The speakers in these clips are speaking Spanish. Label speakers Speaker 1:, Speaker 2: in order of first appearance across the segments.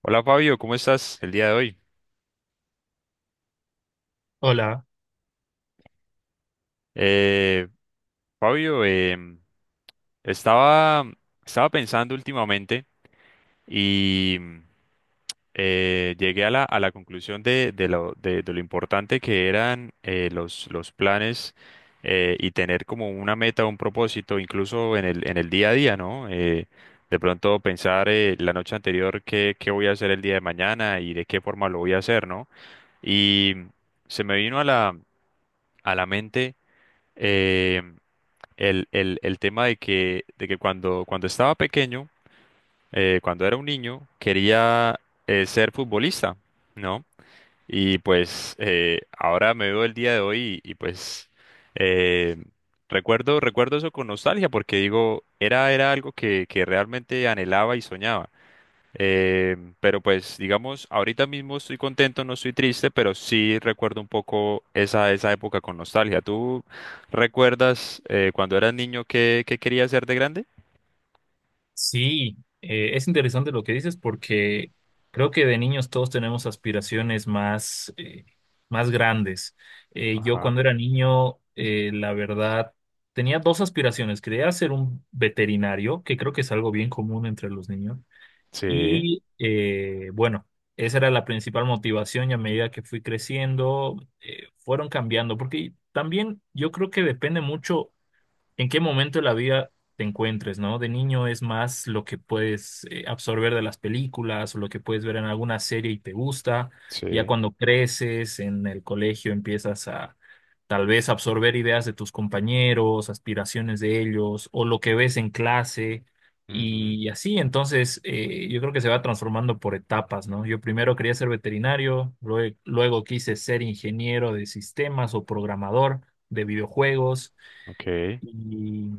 Speaker 1: Hola Fabio, ¿cómo estás el día de hoy?
Speaker 2: Hola,
Speaker 1: Eh, Fabio, estaba, estaba pensando últimamente y llegué a a la conclusión de lo importante que eran los planes, y tener como una meta, un propósito, incluso en en el día a día, ¿no? De pronto pensar la noche anterior qué voy a hacer el día de mañana y de qué forma lo voy a hacer, ¿no? Y se me vino a a la mente, em, el tema de que cuando estaba pequeño, cuando era un niño, quería ser futbolista, ¿no? Y pues ahora me veo el día de hoy y, pues eh, recuerdo eso con nostalgia porque digo, era algo que realmente anhelaba y soñaba. Pero pues digamos, ahorita mismo estoy contento, no estoy triste, pero sí recuerdo un poco esa época con nostalgia. ¿Tú recuerdas, cuando eras niño, qué querías ser de grande?
Speaker 2: sí, es interesante lo que dices porque creo que de niños todos tenemos aspiraciones más grandes. Yo
Speaker 1: Ajá.
Speaker 2: cuando era niño, la verdad, tenía dos aspiraciones. Quería ser un veterinario, que creo que es algo bien común entre los niños.
Speaker 1: Sí,
Speaker 2: Y bueno, esa era la principal motivación y a medida que fui creciendo, fueron cambiando, porque también yo creo que depende mucho en qué momento de la vida te encuentres, ¿no? De niño es más lo que puedes absorber de las películas o lo que puedes ver en alguna serie y te gusta. Ya
Speaker 1: sí.
Speaker 2: cuando creces en el colegio empiezas a tal vez absorber ideas de tus compañeros, aspiraciones de ellos o lo que ves en clase.
Speaker 1: Ujú.
Speaker 2: Y así, entonces, yo creo que se va transformando por etapas, ¿no? Yo primero quería ser veterinario, luego quise ser ingeniero de sistemas o programador de videojuegos.
Speaker 1: Ok.
Speaker 2: Y,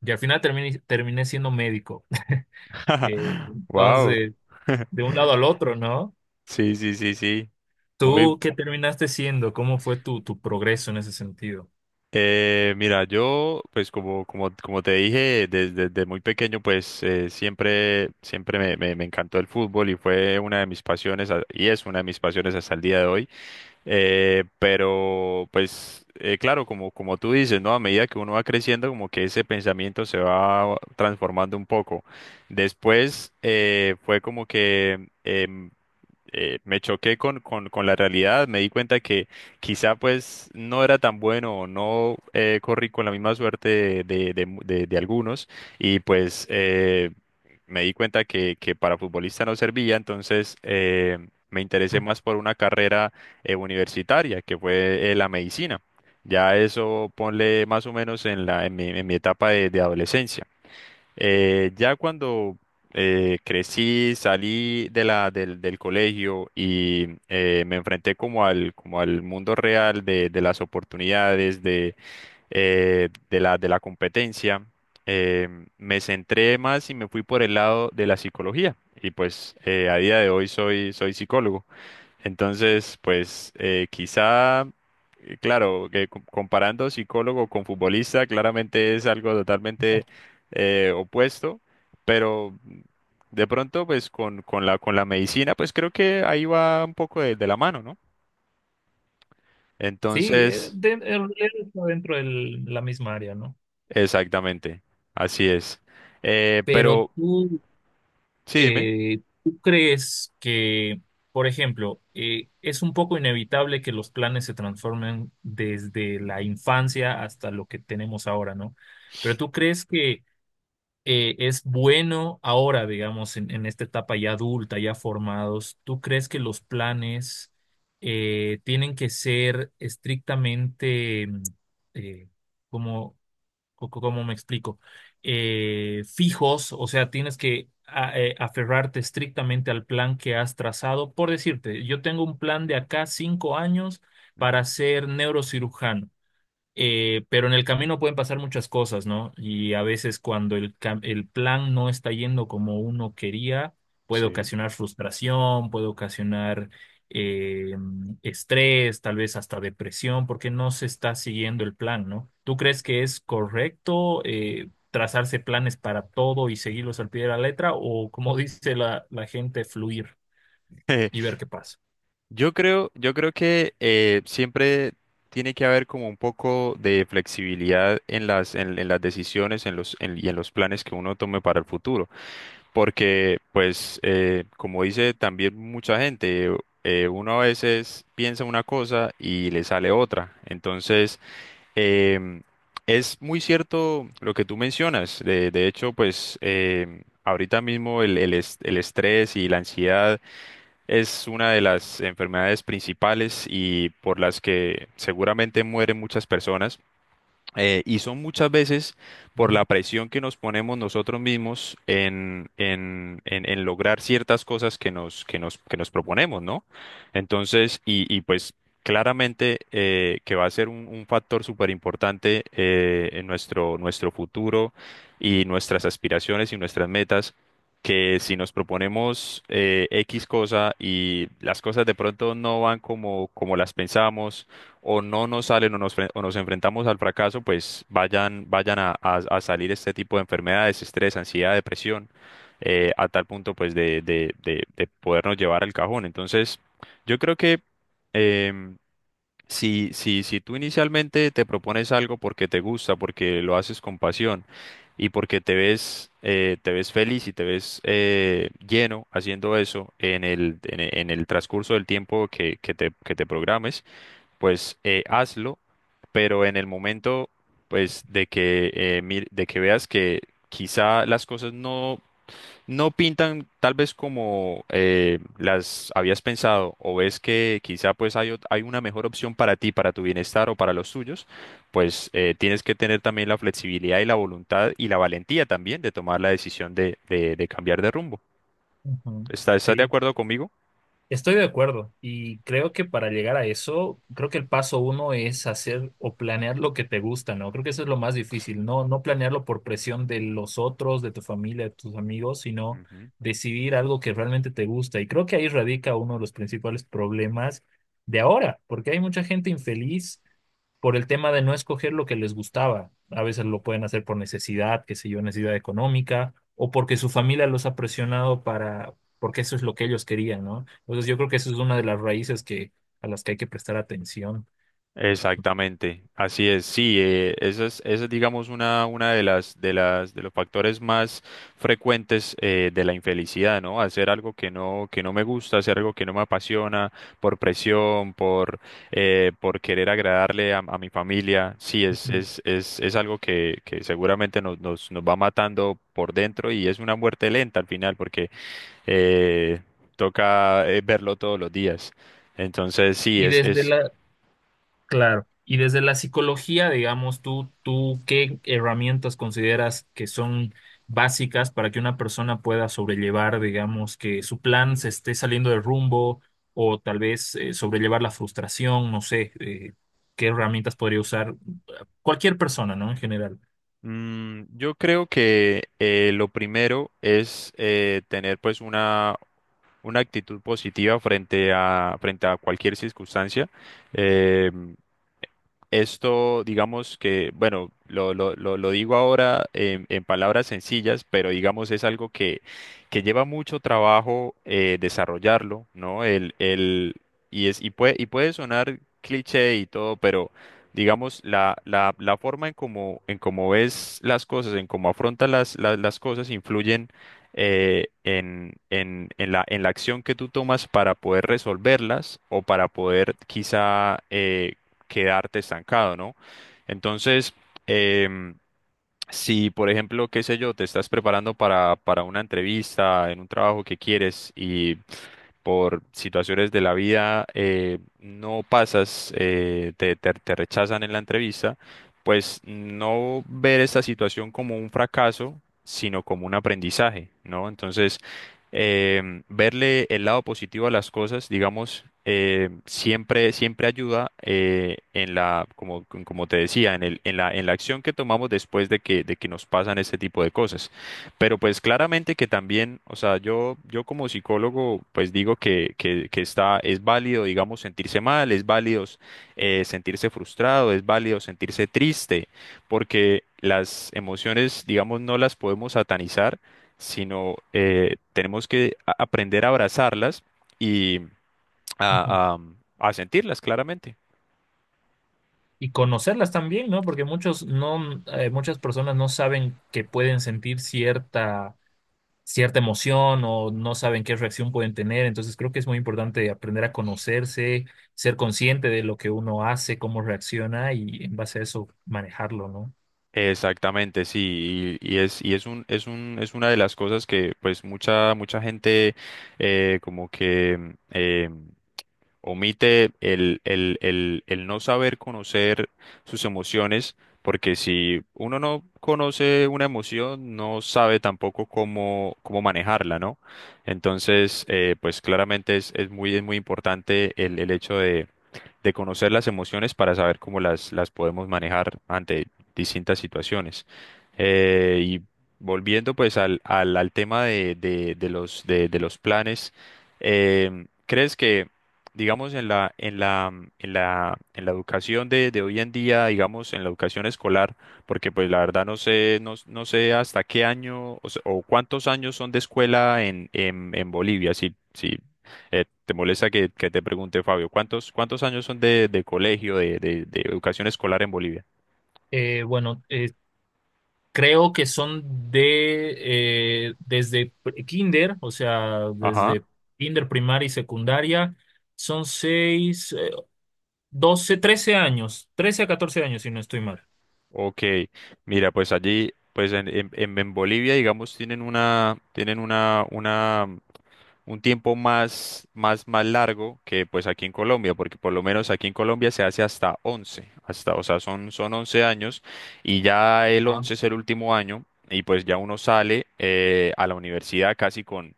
Speaker 2: y al final terminé siendo médico.
Speaker 1: Wow.
Speaker 2: Entonces, de un lado al otro, ¿no?
Speaker 1: Sí, sí, sí, sí. Muy,
Speaker 2: ¿Tú qué terminaste siendo? ¿Cómo fue tu progreso en ese sentido?
Speaker 1: Mira, yo, pues como te dije, desde muy pequeño, pues siempre me encantó el fútbol y fue una de mis pasiones, y es una de mis pasiones hasta el día de hoy. Pero pues claro, como tú dices, ¿no? A medida que uno va creciendo, como que ese pensamiento se va transformando un poco. Después fue como que me choqué con la realidad, me di cuenta que quizá pues no era tan bueno o no corrí con la misma suerte de algunos y pues me di cuenta que para futbolista no servía. Entonces me interesé más por una carrera universitaria, que fue la medicina. Ya eso ponle más o menos en en mi etapa de adolescencia. Ya cuando crecí, salí de del colegio y me enfrenté como como al mundo real de las oportunidades, de la competencia. eh, Me centré más y me fui por el lado de la psicología. Y pues a día de hoy soy, soy psicólogo. Entonces, pues claro, que comparando psicólogo con futbolista, claramente es algo totalmente opuesto, pero de pronto, pues con la medicina, pues creo que ahí va un poco de la mano, ¿no?
Speaker 2: Sí,
Speaker 1: Entonces,
Speaker 2: en realidad está dentro de la misma área, ¿no?
Speaker 1: exactamente, así es.
Speaker 2: Pero
Speaker 1: Pero,
Speaker 2: tú,
Speaker 1: sí, dime.
Speaker 2: eh, ¿tú crees que, por ejemplo, es un poco inevitable que los planes se transformen desde la infancia hasta lo que tenemos ahora, ¿no? Pero tú crees que es bueno ahora, digamos, en esta etapa ya adulta, ya formados, ¿tú crees que los planes tienen que ser estrictamente, eh, como, cómo me explico? ¿Fijos? O sea, tienes que aferrarte estrictamente al plan que has trazado. Por decirte, yo tengo un plan de acá 5 años para
Speaker 1: Ujú.
Speaker 2: ser neurocirujano. Pero en el camino pueden pasar muchas cosas, ¿no? Y a veces cuando el plan no está yendo como uno quería, puede
Speaker 1: Sí.
Speaker 2: ocasionar frustración, puede ocasionar eh, estrés, tal vez hasta depresión, porque no se está siguiendo el plan, ¿no? ¿Tú crees que es correcto trazarse planes para todo y seguirlos al pie de la letra o, como dice la gente, fluir y ver qué pasa?
Speaker 1: Yo creo que siempre tiene que haber como un poco de flexibilidad en en las decisiones en y en los planes que uno tome para el futuro, porque pues como dice también mucha gente, uno a veces piensa una cosa y le sale otra. Entonces, em, es muy cierto lo que tú mencionas. De hecho, pues ahorita mismo el estrés y la ansiedad es una de las enfermedades principales y por las que seguramente mueren muchas personas. Y son muchas veces por
Speaker 2: ¿No?
Speaker 1: la presión que nos ponemos nosotros mismos en lograr ciertas cosas que nos proponemos, ¿no? Entonces, y pues claramente que va a ser un factor súper importante en nuestro futuro y nuestras aspiraciones y nuestras metas. Que si nos proponemos X cosa y las cosas de pronto no van como las pensamos, o no nos salen o o nos enfrentamos al fracaso, pues vayan a salir este tipo de enfermedades, estrés, ansiedad, depresión, a tal punto pues de podernos llevar al cajón. Entonces, yo creo que em, si tú inicialmente te propones algo porque te gusta, porque lo haces con pasión y porque te ves feliz y te ves lleno haciendo eso en el, en el en el transcurso del tiempo que te programes, pues hazlo, pero en el momento, pues de que veas que quizá las cosas no pintan tal vez como las habías pensado, o ves que quizá pues hay una mejor opción para ti, para tu bienestar o para los tuyos, pues tienes que tener también la flexibilidad y la voluntad y la valentía también de tomar la decisión de cambiar de rumbo.
Speaker 2: Ujú.
Speaker 1: ¿Estás de
Speaker 2: Sí.
Speaker 1: acuerdo conmigo?
Speaker 2: Estoy de acuerdo y creo que para llegar a eso, creo que el paso uno es hacer o planear lo que te gusta, ¿no? Creo que eso es lo más difícil, no, no planearlo por presión de los otros, de tu familia, de tus amigos, sino
Speaker 1: Ujú.
Speaker 2: decidir algo que realmente te gusta. Y creo que ahí radica uno de los principales problemas de ahora, porque hay mucha gente infeliz por el tema de no escoger lo que les gustaba. A veces lo pueden hacer por necesidad, qué sé yo, necesidad económica, o porque su familia los ha presionado para, porque eso es lo que ellos querían, ¿no? Entonces yo creo que eso es una de las raíces a las que hay que prestar atención.
Speaker 1: Exactamente, así es, sí, esa es, digamos, una de de los factores más frecuentes de la infelicidad, ¿no? Hacer algo que no me gusta, hacer algo que no me apasiona, por presión, por querer agradarle a mi familia. Sí,
Speaker 2: Ujú.
Speaker 1: es algo que seguramente nos va matando por dentro y es una muerte lenta al final, porque eh, toca verlo todos los días. Entonces, sí,
Speaker 2: Y desde la, Claro. Y desde la psicología, digamos, tú, ¿qué herramientas consideras que son básicas para que una persona pueda sobrellevar, digamos, que su plan se esté saliendo de rumbo o tal vez sobrellevar la frustración? No sé, ¿qué herramientas podría usar cualquier persona, ¿no? En general.
Speaker 1: Yo creo que lo primero es tener pues una actitud positiva frente frente a cualquier circunstancia. Em, Esto, digamos que, bueno, lo digo ahora en palabras sencillas, pero digamos es algo que lleva mucho trabajo desarrollarlo, ¿no? El, y, es, y, puede, Y puede sonar cliché y todo, pero digamos la forma en en cómo ves las cosas, en cómo afrontas las cosas, influyen en la acción que tú tomas para poder resolverlas o para poder quizá quedarte estancado, ¿no? Entonces, em, si, por ejemplo, qué sé yo, te estás preparando para una entrevista en un trabajo que quieres y por situaciones de la vida no pasas, te rechazan en la entrevista. Pues no ver esta situación como un fracaso, sino como un aprendizaje, ¿no? Entonces, verle el lado positivo a las cosas, digamos, siempre ayuda como te decía, en en la acción que tomamos después de que nos pasan este tipo de cosas. Pero pues claramente que también, o sea, yo como psicólogo, pues digo es válido, digamos, sentirse mal, es válido sentirse frustrado, es válido sentirse triste, porque las emociones, digamos, no las podemos satanizar, sino tenemos que aprender a abrazarlas y
Speaker 2: Ujú.
Speaker 1: a, a a sentirlas claramente.
Speaker 2: Y conocerlas también, ¿no? Porque muchos no, muchas personas no saben que pueden sentir cierta emoción o no saben qué reacción pueden tener. Entonces creo que es muy importante aprender a conocerse, ser consciente de lo que uno hace, cómo reacciona y en base a eso manejarlo, ¿no?
Speaker 1: Exactamente, sí, es una de las cosas que pues mucha mucha gente eh, como que mm, eh, omite el no saber conocer sus emociones, porque si uno no conoce una emoción, no sabe tampoco cómo manejarla, ¿no? Entonces, pues claramente es muy importante el hecho de conocer las emociones para saber cómo las podemos manejar ante distintas situaciones. Y volviendo pues al tema de los planes. ¿Crees que, digamos, en en la educación de hoy en día, digamos, en la educación escolar? Porque pues la verdad no sé, no sé hasta qué año, o cuántos años son de escuela en, en Bolivia. Si, si ¿Te molesta que te pregunte, Fabio, cuántos años son de colegio, de educación escolar en Bolivia?
Speaker 2: Bueno, creo que son de desde pre- kinder, o sea,
Speaker 1: Ajá.
Speaker 2: desde kinder primaria y secundaria, son 12, 13 años, 13 a 14 años si no estoy mal.
Speaker 1: Ok, mira, pues allí, pues en, en Bolivia, digamos, un tiempo más largo que pues aquí en Colombia, porque por lo menos aquí en Colombia se hace hasta 11 o sea, son 11 años, y ya el
Speaker 2: Ah,
Speaker 1: 11 es el último año, y pues ya uno sale a la universidad casi con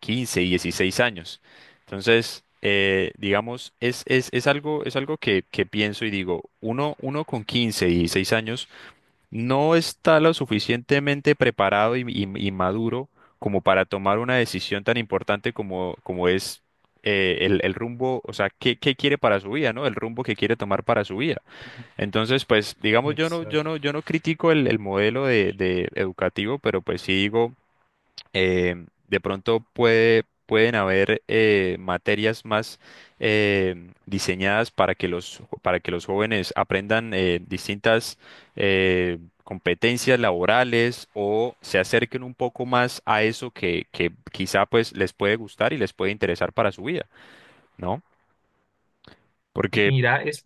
Speaker 1: 15 y 16 años. Entonces, digamos, es algo que pienso y digo, uno con 15 y 16 años no está lo suficientemente preparado y maduro como para tomar una decisión tan importante como es el rumbo, o sea, qué quiere para su vida, ¿no? El rumbo que quiere tomar para su vida. Entonces, pues, digamos,
Speaker 2: exacto.
Speaker 1: yo no critico el modelo de educativo. Pero pues sí digo de pronto pueden haber materias más diseñadas para que los jóvenes aprendan distintas competencias laborales, o se acerquen un poco más a eso que quizá pues les puede gustar y les puede interesar para su vida, ¿no? Porque...
Speaker 2: Mira, es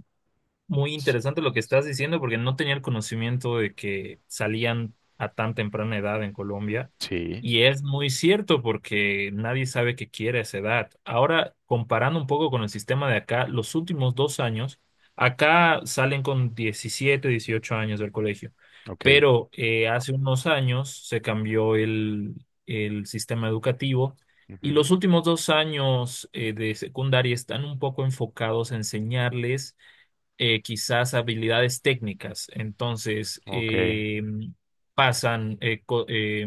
Speaker 2: muy
Speaker 1: Sí,
Speaker 2: interesante lo que estás diciendo porque no tenía el conocimiento de que salían a tan temprana edad en Colombia
Speaker 1: sí,
Speaker 2: y es muy cierto porque nadie sabe qué quiere a esa edad. Ahora, comparando un poco con el sistema de acá, los últimos 2 años, acá salen con 17 18 años del colegio,
Speaker 1: ok.
Speaker 2: pero hace unos años se cambió el sistema educativo. Y
Speaker 1: Ujú.
Speaker 2: los últimos 2 años de secundaria están un poco enfocados a enseñarles quizás habilidades técnicas. Entonces,
Speaker 1: Ok.
Speaker 2: pasan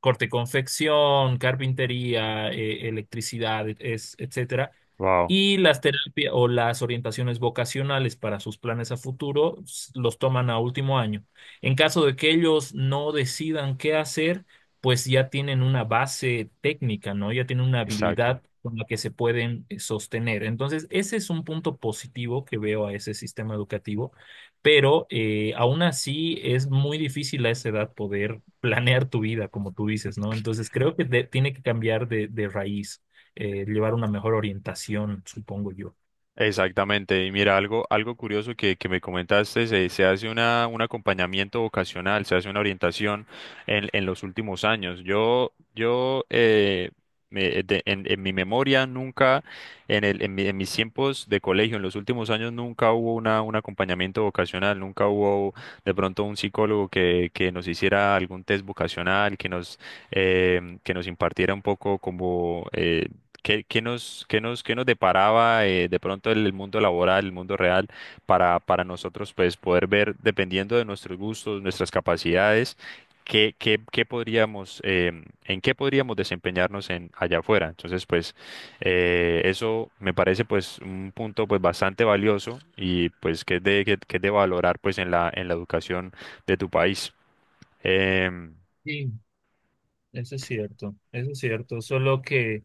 Speaker 2: corte confección, carpintería, electricidad, es, etcétera.
Speaker 1: Wow.
Speaker 2: Y las terapias o las orientaciones vocacionales para sus planes a futuro los toman a último año. En caso de que ellos no decidan qué hacer, pues ya tienen una base técnica, ¿no? Ya tienen una
Speaker 1: Exacto.
Speaker 2: habilidad con la que se pueden sostener. Entonces, ese es un punto positivo que veo a ese sistema educativo, pero aún así es muy difícil a esa edad poder planear tu vida, como tú dices, ¿no? Entonces, creo que tiene que cambiar de raíz llevar una mejor orientación, supongo yo.
Speaker 1: Exactamente. Y mira, algo, algo curioso que, me comentaste, se hace un acompañamiento vocacional, se hace una orientación en los últimos años. Yo en mi memoria nunca, en mis tiempos de colegio, en los últimos años nunca hubo un acompañamiento vocacional. Nunca hubo de pronto un psicólogo que nos hiciera algún test vocacional, que nos impartiera un poco como ¿ qué nos deparaba de pronto el mundo laboral, el mundo real, para nosotros pues poder ver, dependiendo de nuestros gustos, nuestras capacidades, qué, qué, qué podríamos, en qué podríamos desempeñarnos allá afuera? Entonces, pues eso me parece pues un punto pues bastante valioso, y pues que es de valorar pues en en la educación de tu país. Em,
Speaker 2: Sí, eso es cierto, eso es cierto. Solo que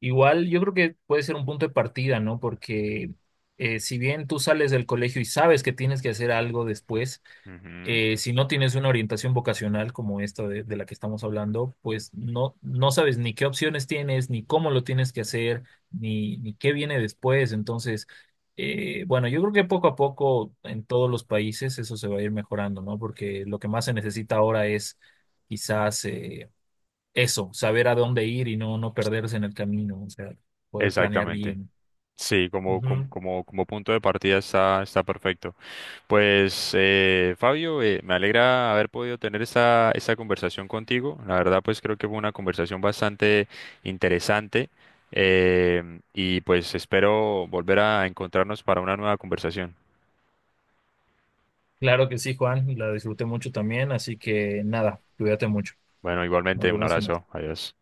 Speaker 2: igual yo creo que puede ser un punto de partida, ¿no? Porque si bien tú sales del colegio y sabes que tienes que hacer algo después,
Speaker 1: Ujú.
Speaker 2: si no tienes una orientación vocacional como esta de la que estamos hablando, pues no, no sabes ni qué opciones tienes, ni cómo lo tienes que hacer, ni qué viene después. Entonces, bueno, yo creo que poco a poco en todos los países eso se va a ir mejorando, ¿no? Porque lo que más se necesita ahora es quizás eso, saber a dónde ir y no, no perderse en el camino, o sea, poder planear
Speaker 1: Exactamente.
Speaker 2: bien.
Speaker 1: Sí,
Speaker 2: Ujú.
Speaker 1: como punto de partida está, está perfecto. Pues Fabio, me alegra haber podido tener esta conversación contigo. La verdad, pues creo que fue una conversación bastante interesante, y pues espero volver a encontrarnos para una nueva conversación.
Speaker 2: Claro que sí, Juan, la disfruté mucho también, así que nada, cuídate mucho.
Speaker 1: Bueno,
Speaker 2: Nos
Speaker 1: igualmente, un
Speaker 2: vemos en otra.
Speaker 1: abrazo. Adiós.